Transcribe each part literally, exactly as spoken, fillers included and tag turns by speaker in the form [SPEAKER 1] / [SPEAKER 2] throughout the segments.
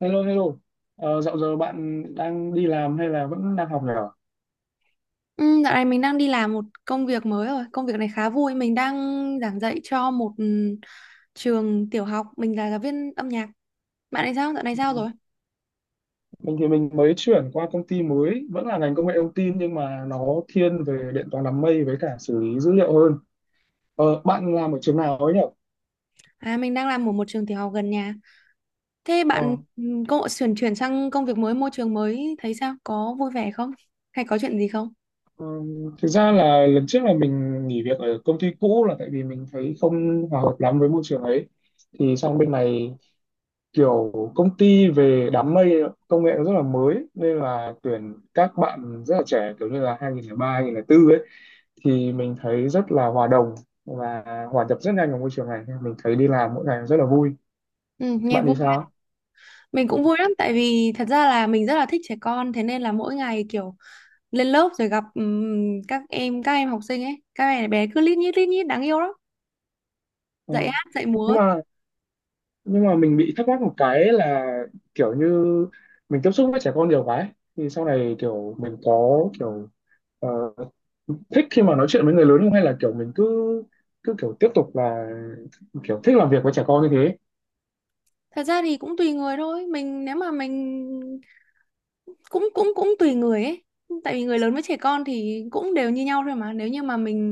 [SPEAKER 1] Hello, hello. Ờ, dạo giờ bạn đang đi làm hay là vẫn đang học nhỉ?
[SPEAKER 2] Ừ, dạo này mình đang đi làm một công việc mới rồi. Công việc này khá vui. Mình đang giảng dạy cho một ừ, trường tiểu học. Mình là giáo viên âm nhạc. Bạn này sao? Dạo này sao rồi?
[SPEAKER 1] Mình thì mình mới chuyển qua công ty mới, vẫn là ngành công nghệ thông tin nhưng mà nó thiên về điện toán đám mây với cả xử lý dữ liệu hơn. Ờ, bạn làm ở trường nào ấy nhỉ?
[SPEAKER 2] À, mình đang làm ở một trường tiểu học gần nhà. Thế
[SPEAKER 1] Ờ,
[SPEAKER 2] bạn ừ, cô chuyển chuyển sang công việc mới, môi trường mới thấy sao? Có vui vẻ không? Hay có chuyện gì không?
[SPEAKER 1] ừm, Thực ra là lần trước là mình nghỉ việc ở công ty cũ là tại vì mình thấy không hòa hợp lắm với môi trường ấy. Thì sang bên này kiểu công ty về đám mây công nghệ nó rất là mới, nên là tuyển các bạn rất là trẻ kiểu như là hai nghìn không trăm linh ba, bốn ấy, thì mình thấy rất là hòa đồng và hòa nhập rất nhanh vào môi trường này, mình thấy đi làm mỗi ngày rất là vui.
[SPEAKER 2] Ừ, nghe
[SPEAKER 1] Bạn
[SPEAKER 2] vui.
[SPEAKER 1] thì sao?
[SPEAKER 2] Mình
[SPEAKER 1] Ờ,
[SPEAKER 2] cũng vui lắm, tại vì thật ra là mình rất là thích trẻ con, thế nên là mỗi ngày kiểu lên lớp rồi gặp ừm, các em các em học sinh ấy, các bé bé cứ lít nhít lít nhít đáng yêu lắm.
[SPEAKER 1] ờ.
[SPEAKER 2] Dạy hát, dạy
[SPEAKER 1] nhưng
[SPEAKER 2] múa,
[SPEAKER 1] mà nhưng mà mình bị thắc mắc một cái là kiểu như mình tiếp xúc với trẻ con nhiều quá ấy. Thì sau này kiểu mình có kiểu ờ, thích khi mà nói chuyện với người lớn không, hay là kiểu mình cứ cứ kiểu tiếp tục là kiểu thích làm việc với trẻ con như thế.
[SPEAKER 2] thật ra thì cũng tùy người thôi. Mình nếu mà mình cũng cũng cũng tùy người ấy, tại vì người lớn với trẻ con thì cũng đều như nhau thôi mà. Nếu như mà mình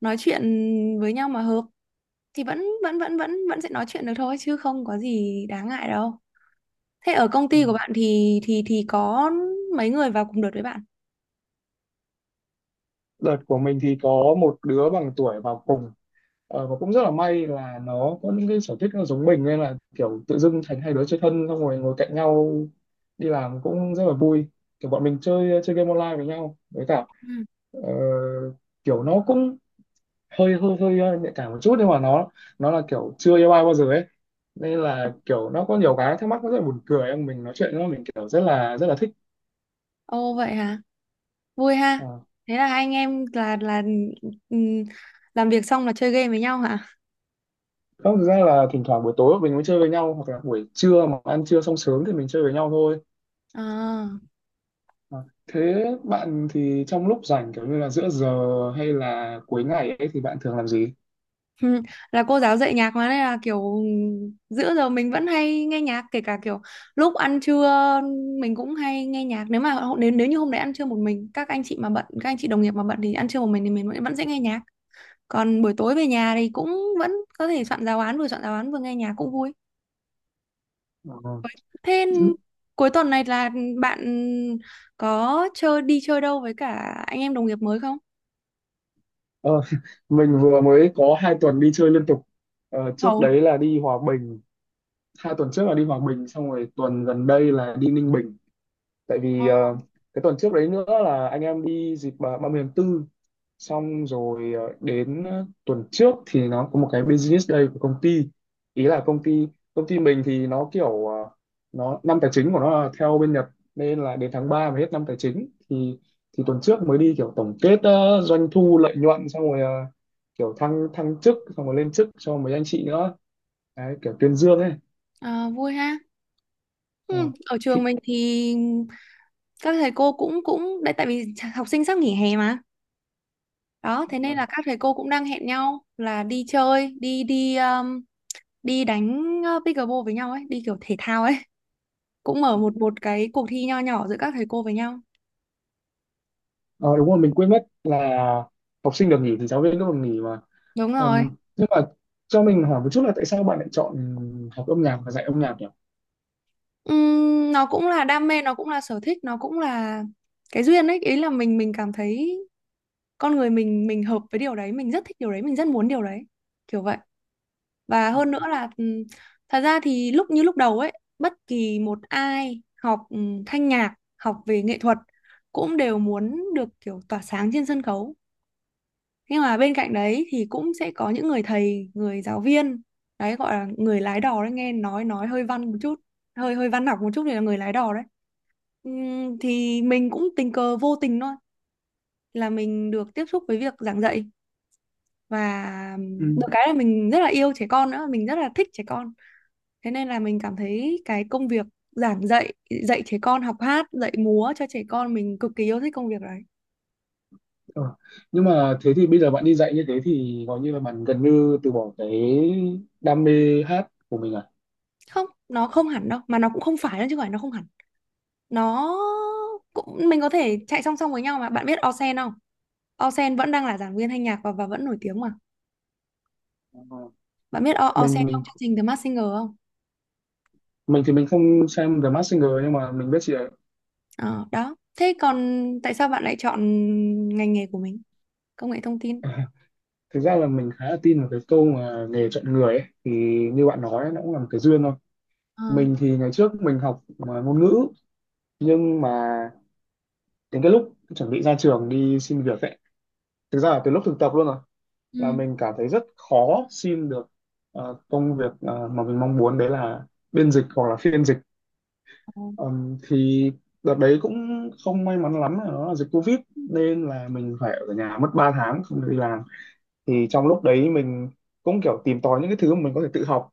[SPEAKER 2] nói chuyện với nhau mà hợp thì vẫn vẫn vẫn vẫn vẫn sẽ nói chuyện được thôi, chứ không có gì đáng ngại đâu. Thế ở công
[SPEAKER 1] Ừ.
[SPEAKER 2] ty của bạn thì thì thì có mấy người vào cùng đợt với bạn?
[SPEAKER 1] Đợt của mình thì có một đứa bằng tuổi vào cùng. Ờ, và cũng rất là may là nó có những cái sở thích nó giống mình, nên là kiểu tự dưng thành hai đứa chơi thân xong rồi ngồi cạnh nhau, đi làm cũng rất là vui. Kiểu bọn mình chơi chơi game online với nhau, với cả
[SPEAKER 2] Ừ.
[SPEAKER 1] ờ, kiểu nó cũng hơi hơi hơi ờ, nhạy cảm một chút, nhưng mà nó nó là kiểu chưa yêu ai bao giờ ấy, nên là kiểu nó có nhiều cái thắc mắc, nó rất là buồn cười. Em mình nói chuyện nó, mình kiểu rất là rất là thích.
[SPEAKER 2] Ồ, vậy hả? Vui ha.
[SPEAKER 1] À.
[SPEAKER 2] Thế là hai anh em là là ừm, làm việc xong là chơi game với nhau hả?
[SPEAKER 1] Không, thực ra là thỉnh thoảng buổi tối mình mới chơi với nhau hoặc là buổi trưa mà ăn trưa xong sớm thì mình chơi với nhau thôi.
[SPEAKER 2] À.
[SPEAKER 1] À, thế bạn thì trong lúc rảnh kiểu như là giữa giờ hay là cuối ngày ấy thì bạn thường làm gì?
[SPEAKER 2] Ừ, là cô giáo dạy nhạc mà, nên là kiểu giữa giờ mình vẫn hay nghe nhạc, kể cả kiểu lúc ăn trưa mình cũng hay nghe nhạc. Nếu mà hô- nếu nếu như hôm đấy ăn trưa một mình, các anh chị mà bận, các anh chị đồng nghiệp mà bận thì ăn trưa một mình thì mình vẫn vẫn sẽ nghe nhạc. Còn buổi tối về nhà thì cũng vẫn có thể soạn giáo án, vừa soạn giáo án vừa nghe nhạc cũng vui.
[SPEAKER 1] Ờ,
[SPEAKER 2] Thế cuối tuần này là bạn có chơi đi chơi đâu với cả anh em đồng nghiệp mới không?
[SPEAKER 1] ờ, mình vừa mới có hai tuần đi chơi liên tục. Ờ, trước
[SPEAKER 2] Hầu.
[SPEAKER 1] đấy là đi Hòa Bình, hai tuần trước là đi Hòa Bình, xong rồi tuần gần đây là đi Ninh Bình. Tại vì ờ, cái tuần trước đấy nữa là anh em đi dịp ba mươi tháng tư, xong rồi ờ, đến ờ, tuần trước thì nó có một cái business day của công ty. Ý là công ty công ty mình thì nó kiểu ờ, nó, năm tài chính của nó là theo bên Nhật, nên là đến tháng ba mới hết năm tài chính, thì thì tuần trước mới đi kiểu tổng kết ờ, doanh thu lợi nhuận, xong rồi ờ, kiểu thăng thăng chức xong rồi lên chức cho mấy anh chị nữa. Đấy, kiểu tuyên dương ấy.
[SPEAKER 2] À, vui ha.
[SPEAKER 1] Ờ.
[SPEAKER 2] Ừ, ở
[SPEAKER 1] Thì-
[SPEAKER 2] trường mình thì các thầy cô cũng cũng đấy, tại vì học sinh sắp nghỉ hè mà. Đó thế nên là các thầy cô cũng đang hẹn nhau là đi chơi, đi đi um, đi đánh uh, pickleball với nhau ấy, đi kiểu thể thao ấy, cũng mở một một cái cuộc thi nho nhỏ giữa các thầy cô với nhau.
[SPEAKER 1] Ờ, đúng rồi, mình quên mất là học sinh được nghỉ thì giáo viên cũng được nghỉ mà.
[SPEAKER 2] Đúng rồi.
[SPEAKER 1] Ừm, nhưng mà cho mình hỏi một chút là tại sao bạn lại chọn học âm nhạc và dạy âm nhạc nhỉ?
[SPEAKER 2] Ừm, nó cũng là đam mê, nó cũng là sở thích, nó cũng là cái duyên ấy. Ý là mình mình cảm thấy con người mình mình hợp với điều đấy, mình rất thích điều đấy, mình rất muốn điều đấy, kiểu vậy. Và
[SPEAKER 1] Ờ.
[SPEAKER 2] hơn nữa là ừm, thật ra thì lúc như lúc đầu ấy, bất kỳ một ai học ừm, thanh nhạc, học về nghệ thuật cũng đều muốn được kiểu tỏa sáng trên sân khấu. Nhưng mà bên cạnh đấy thì cũng sẽ có những người thầy, người giáo viên, đấy gọi là người lái đò đấy. Nghe nói nói hơi văn một chút, hơi hơi văn học một chút, thì là người lái đò đấy. Ừm, thì mình cũng tình cờ vô tình thôi là mình được tiếp xúc với việc giảng dạy. Và
[SPEAKER 1] Ừ.
[SPEAKER 2] được cái là mình rất là yêu trẻ con nữa, mình rất là thích trẻ con. Thế nên là mình cảm thấy cái công việc giảng dạy, dạy trẻ con học hát, dạy múa cho trẻ con, mình cực kỳ yêu thích công việc đấy.
[SPEAKER 1] Ờ. Nhưng mà thế thì bây giờ bạn đi dạy như thế thì gọi như là bạn gần như từ bỏ cái đam mê hát của mình à?
[SPEAKER 2] Không, nó không hẳn đâu, mà nó cũng không phải đâu, chứ không phải nó không hẳn. Nó cũng mình có thể chạy song song với nhau mà. Bạn biết Osen không? Osen vẫn đang là giảng viên thanh nhạc, và và vẫn nổi tiếng mà.
[SPEAKER 1] Ờ,
[SPEAKER 2] Bạn biết O- Osen
[SPEAKER 1] Mình mình
[SPEAKER 2] trong chương trình The Masked Singer không?
[SPEAKER 1] mình thì mình không xem The Masked Singer nhưng mà mình biết chị ấy.
[SPEAKER 2] Ờ, đó. Thế còn tại sao bạn lại chọn ngành nghề của mình? Công nghệ thông tin.
[SPEAKER 1] Thực ra là mình khá là tin vào cái câu mà nghề chọn người ấy. Thì như bạn nói ấy, nó cũng là một cái duyên thôi.
[SPEAKER 2] Ờ.
[SPEAKER 1] Mình thì ngày trước mình học mà ngôn ngữ, nhưng mà đến cái lúc chuẩn bị ra trường đi xin việc ấy, thực ra là từ lúc thực tập luôn rồi, là
[SPEAKER 2] Ừ.
[SPEAKER 1] mình cảm thấy rất khó xin được ờ, công việc ờ, mà mình mong muốn, đấy là biên dịch hoặc là phiên dịch.
[SPEAKER 2] Ờ.
[SPEAKER 1] Ừm, thì đợt đấy cũng không may mắn lắm là nó là dịch Covid, nên là mình phải ở nhà mất ba tháng không được đi làm. Thì trong lúc đấy mình cũng kiểu tìm tòi những cái thứ mà mình có thể tự học,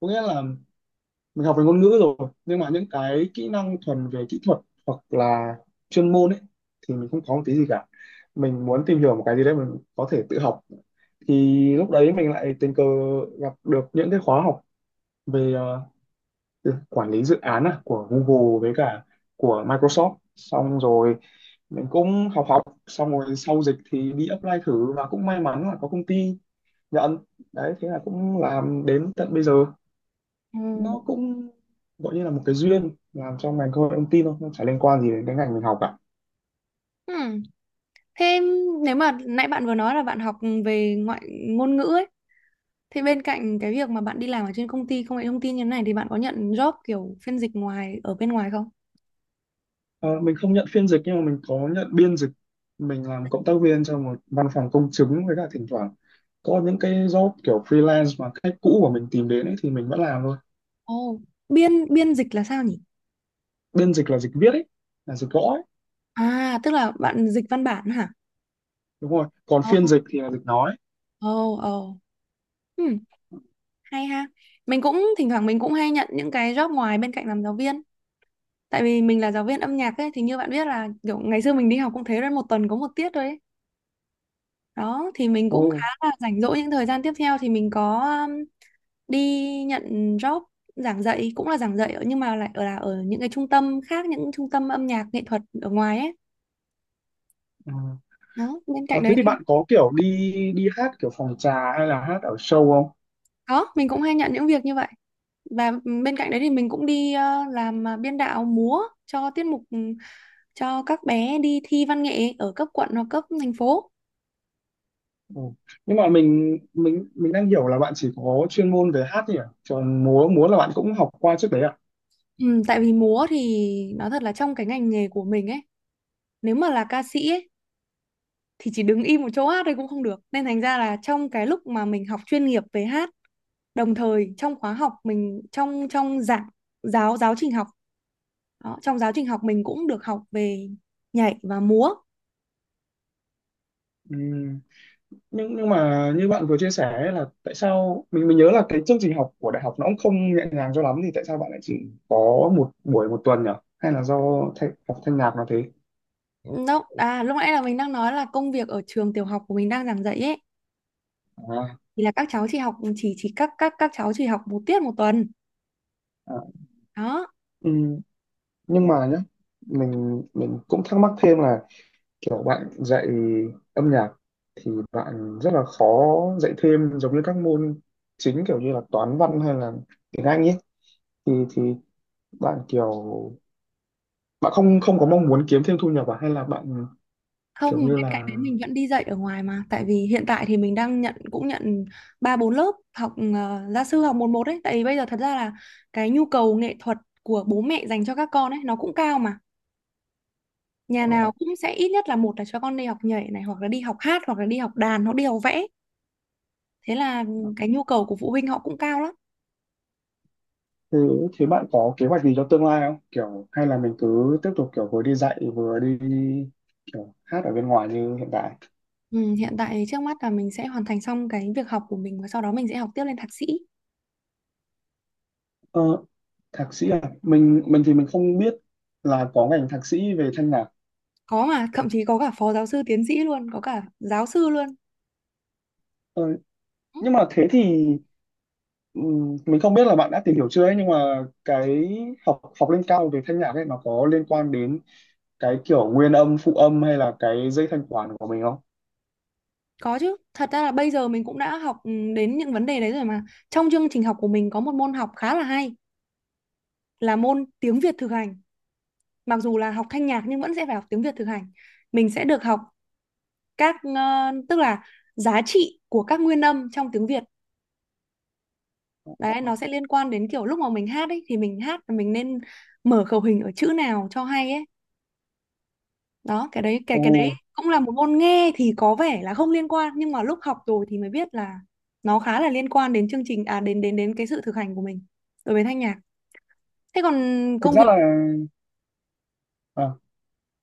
[SPEAKER 1] có nghĩa là mình học về ngôn ngữ rồi, nhưng mà những cái kỹ năng thuần về kỹ thuật hoặc là chuyên môn ấy thì mình không có một tí gì cả. Mình muốn tìm hiểu một cái gì đấy mình có thể tự học, thì lúc đấy mình lại tình cờ gặp được những cái khóa học về ờ, từ quản lý dự án à, của Google với cả của Microsoft, xong rồi mình cũng học học xong rồi sau dịch thì đi apply thử, và cũng may mắn là có công ty nhận. Đấy thế là cũng làm đến tận bây giờ.
[SPEAKER 2] Ừ.
[SPEAKER 1] Nó cũng gọi như là một cái duyên, làm trong ngành công nghệ thông tin thôi, nó chả liên quan gì đến cái ngành mình học cả.
[SPEAKER 2] Ừ. Thế nếu mà nãy bạn vừa nói là bạn học về ngoại ngôn ngữ ấy, thì bên cạnh cái việc mà bạn đi làm ở trên công ty công nghệ thông tin như thế này, thì bạn có nhận job kiểu phiên dịch ngoài ở bên ngoài không?
[SPEAKER 1] Ờ, mình không nhận phiên dịch nhưng mà mình có nhận biên dịch. Mình làm cộng tác viên cho một văn phòng công chứng, với cả thỉnh thoảng có những cái job kiểu freelance mà khách cũ của mình tìm đến ấy, thì mình vẫn làm thôi.
[SPEAKER 2] Ồ. Biên biên dịch là sao nhỉ?
[SPEAKER 1] Biên dịch là dịch viết ấy, là dịch gõ ấy.
[SPEAKER 2] À, tức là bạn dịch văn bản hả?
[SPEAKER 1] Đúng rồi, còn phiên
[SPEAKER 2] Ồ,
[SPEAKER 1] dịch thì là dịch nói.
[SPEAKER 2] ồ, ồ. Ừm, hay ha. Mình cũng thỉnh thoảng mình cũng hay nhận những cái job ngoài bên cạnh làm giáo viên. Tại vì mình là giáo viên âm nhạc ấy, thì như bạn biết là kiểu ngày xưa mình đi học cũng thế rồi, một tuần có một tiết thôi ấy. Đó thì mình
[SPEAKER 1] Ồ.
[SPEAKER 2] cũng khá là rảnh rỗi những thời gian tiếp theo, thì mình có um, đi nhận job giảng dạy, cũng là giảng dạy ở- nhưng mà lại ở là ở những cái trung tâm khác, những trung tâm âm nhạc nghệ thuật ở ngoài ấy.
[SPEAKER 1] Ừ.
[SPEAKER 2] Đó bên cạnh
[SPEAKER 1] Ờ, thế
[SPEAKER 2] đấy
[SPEAKER 1] thì
[SPEAKER 2] thì
[SPEAKER 1] bạn có kiểu đi đi hát kiểu phòng trà hay là hát ở show không?
[SPEAKER 2] có mình cũng hay nhận những việc như vậy. Và bên cạnh đấy thì mình cũng đi ờ, làm ờ, biên đạo múa cho tiết mục ừ, cho các bé đi thi văn nghệ ở cấp quận hoặc cấp thành phố.
[SPEAKER 1] Ừ. Nhưng mà mình mình mình đang hiểu là bạn chỉ có chuyên môn về hát nhỉ? Còn múa múa là bạn cũng học qua trước đấy à?
[SPEAKER 2] Ừ, tại vì múa thì nói thật là trong cái ngành nghề của mình ấy, nếu mà là ca sĩ ấy thì chỉ đứng im một chỗ hát thôi cũng không được, nên thành ra là trong cái lúc mà mình học chuyên nghiệp về hát, đồng thời trong khóa học mình, trong trong giảng giáo giáo trình học, đó, trong giáo trình học mình cũng được học về nhảy và múa.
[SPEAKER 1] Ừ. Nhưng nhưng mà như bạn vừa chia sẻ ấy, là tại sao mình mình nhớ là cái chương trình học của đại học nó cũng không nhẹ nhàng cho lắm, thì tại sao bạn lại chỉ có một buổi một tuần nhỉ? Hay là do thay, học thanh nhạc nó thế?
[SPEAKER 2] Nó à, lúc nãy là mình đang nói là công việc ở trường tiểu học của mình đang giảng dạy ấy,
[SPEAKER 1] À,
[SPEAKER 2] thì là các cháu chỉ học, chỉ chỉ các các các cháu chỉ học một tiết một tuần.
[SPEAKER 1] à.
[SPEAKER 2] Đó.
[SPEAKER 1] Ừ. Nhưng mà nhá, mình mình cũng thắc mắc thêm là kiểu bạn dạy âm nhạc thì bạn rất là khó dạy thêm giống như các môn chính kiểu như là toán văn hay là tiếng Anh ấy, thì thì bạn kiểu bạn không không có mong muốn kiếm thêm thu nhập à, hay là bạn
[SPEAKER 2] Không,
[SPEAKER 1] kiểu
[SPEAKER 2] bên
[SPEAKER 1] như
[SPEAKER 2] cạnh
[SPEAKER 1] là
[SPEAKER 2] đấy mình vẫn đi dạy ở ngoài mà, tại vì hiện tại thì mình đang nhận, cũng nhận ba bốn lớp học ờ, gia sư, học một một ấy, tại vì bây giờ thật ra là cái nhu cầu nghệ thuật của bố mẹ dành cho các con ấy nó cũng cao mà. Nhà
[SPEAKER 1] ờ,
[SPEAKER 2] nào cũng sẽ ít nhất là một là cho con đi học nhảy này, hoặc là đi học hát, hoặc là đi học đàn, hoặc đi học vẽ. Thế là cái nhu cầu của phụ huynh họ cũng cao lắm.
[SPEAKER 1] thế thế bạn có kế hoạch gì cho tương lai không, kiểu hay là mình cứ tiếp tục kiểu vừa đi dạy vừa đi kiểu hát ở bên ngoài như hiện tại?
[SPEAKER 2] Ừ, hiện tại trước mắt là mình sẽ hoàn thành xong cái việc học của mình, và sau đó mình sẽ học tiếp lên thạc sĩ.
[SPEAKER 1] ờ, Thạc sĩ à, mình mình thì mình không biết là có ngành thạc sĩ về thanh nhạc.
[SPEAKER 2] Có, mà thậm chí có cả phó giáo sư tiến sĩ luôn, có cả giáo sư luôn.
[SPEAKER 1] ờ,
[SPEAKER 2] Ừ.
[SPEAKER 1] nhưng mà thế thì Ừm, mình không biết là bạn đã tìm hiểu chưa ấy, nhưng mà cái học học lên cao về thanh nhạc ấy nó có liên quan đến cái kiểu nguyên âm phụ âm hay là cái dây thanh quản của mình không?
[SPEAKER 2] Có chứ, thật ra là bây giờ mình cũng đã học ừ, đến những vấn đề đấy rồi mà. Trong chương trình học của mình có một môn học khá là hay, là môn tiếng Việt thực hành. Mặc dù là học thanh nhạc nhưng vẫn sẽ phải học tiếng Việt thực hành. Mình sẽ được học các ờ, tức là giá trị của các nguyên âm trong tiếng Việt. Đấy, nó sẽ liên quan đến kiểu lúc mà mình hát ấy, thì mình hát là mình nên mở khẩu hình ở chữ nào cho hay ấy. Đó cái đấy, cái
[SPEAKER 1] Ồ,
[SPEAKER 2] cái đấy cũng là một môn nghe thì có vẻ là không liên quan, nhưng mà lúc học rồi thì mới biết là nó khá là liên quan đến chương trình, à đến đến đến cái sự thực hành của mình đối với thanh nhạc. Thế còn
[SPEAKER 1] thực
[SPEAKER 2] công
[SPEAKER 1] ra
[SPEAKER 2] việc,
[SPEAKER 1] là à,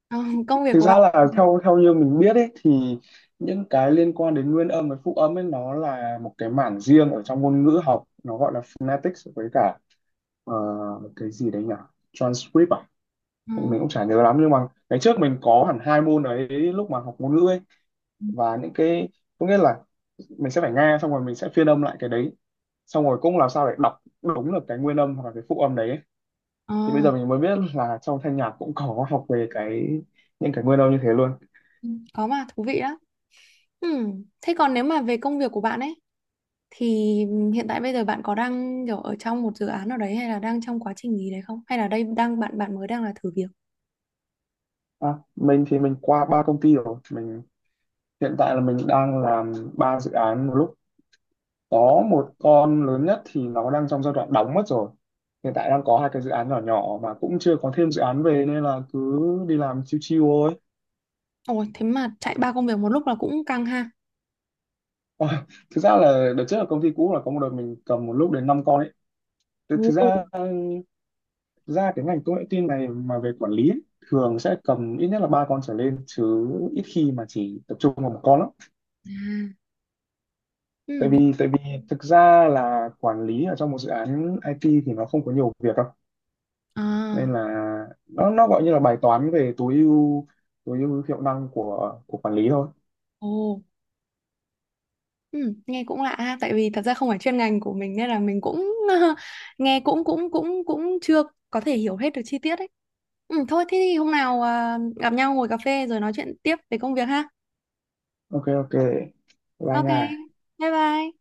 [SPEAKER 2] ờ, công việc
[SPEAKER 1] thực
[SPEAKER 2] của
[SPEAKER 1] ra
[SPEAKER 2] bạn.
[SPEAKER 1] là theo theo như mình biết ấy, thì những cái liên quan đến nguyên âm và phụ âm ấy nó là một cái mảng riêng ở trong ngôn ngữ học, nó gọi là phonetics với cả ờ, cái gì đấy nhỉ, transcript à.
[SPEAKER 2] Ờ,
[SPEAKER 1] Mình cũng chả nhớ lắm, nhưng mà ngày trước mình có hẳn hai môn đấy lúc mà học ngôn ngữ ấy. Và những cái, có nghĩa là mình sẽ phải nghe xong rồi mình sẽ phiên âm lại cái đấy, xong rồi cũng làm sao để đọc đúng được cái nguyên âm hoặc là cái phụ âm đấy ấy. Thì bây
[SPEAKER 2] ờ,
[SPEAKER 1] giờ mình mới biết là trong thanh nhạc cũng có học về cái, những cái nguyên âm như thế luôn.
[SPEAKER 2] có mà thú vị đó. Ừ. Thế còn nếu mà về công việc của bạn ấy, thì hiện tại bây giờ bạn có đang kiểu ở trong một dự án nào đấy, hay là đang trong quá trình gì đấy không, hay là đây đang bạn bạn mới đang là thử việc?
[SPEAKER 1] À, mình thì mình qua ba công ty rồi. Mình hiện tại là mình đang làm ba dự án một lúc. Có một con lớn nhất thì nó đang trong giai đoạn đóng mất rồi, hiện tại đang có hai cái dự án nhỏ nhỏ mà cũng chưa có thêm dự án về, nên là cứ đi làm chiêu chiêu thôi.
[SPEAKER 2] Ồ, thế mà chạy ba công việc một lúc là cũng căng ha.
[SPEAKER 1] Ờ, thực ra là đợt trước ở công ty cũ là có một đợt mình cầm một lúc đến năm con ấy. Thực thực
[SPEAKER 2] Ồ.
[SPEAKER 1] ra thực ra cái ngành công nghệ tin này mà về quản lý ấy, thường sẽ cầm ít nhất là ba con trở lên chứ ít khi mà chỉ tập trung vào một con lắm.
[SPEAKER 2] À.
[SPEAKER 1] Tại
[SPEAKER 2] Ừ.
[SPEAKER 1] vì tại vì thực ra là quản lý ở trong một dự án i tê thì nó không có nhiều việc đâu.
[SPEAKER 2] À,
[SPEAKER 1] Nên là nó nó gọi như là bài toán về tối ưu, tối ưu hiệu năng của của quản lý thôi.
[SPEAKER 2] ồ, ừ, nghe cũng lạ ha, tại vì thật ra không phải chuyên ngành của mình nên là mình cũng nghe cũng cũng cũng cũng chưa có thể hiểu hết được chi tiết ấy. Ừ, thôi thế thì hôm nào, à, gặp nhau ngồi cà phê rồi nói chuyện tiếp về công việc ha.
[SPEAKER 1] Ok ok. Bye
[SPEAKER 2] Ok,
[SPEAKER 1] nha.
[SPEAKER 2] bye bye.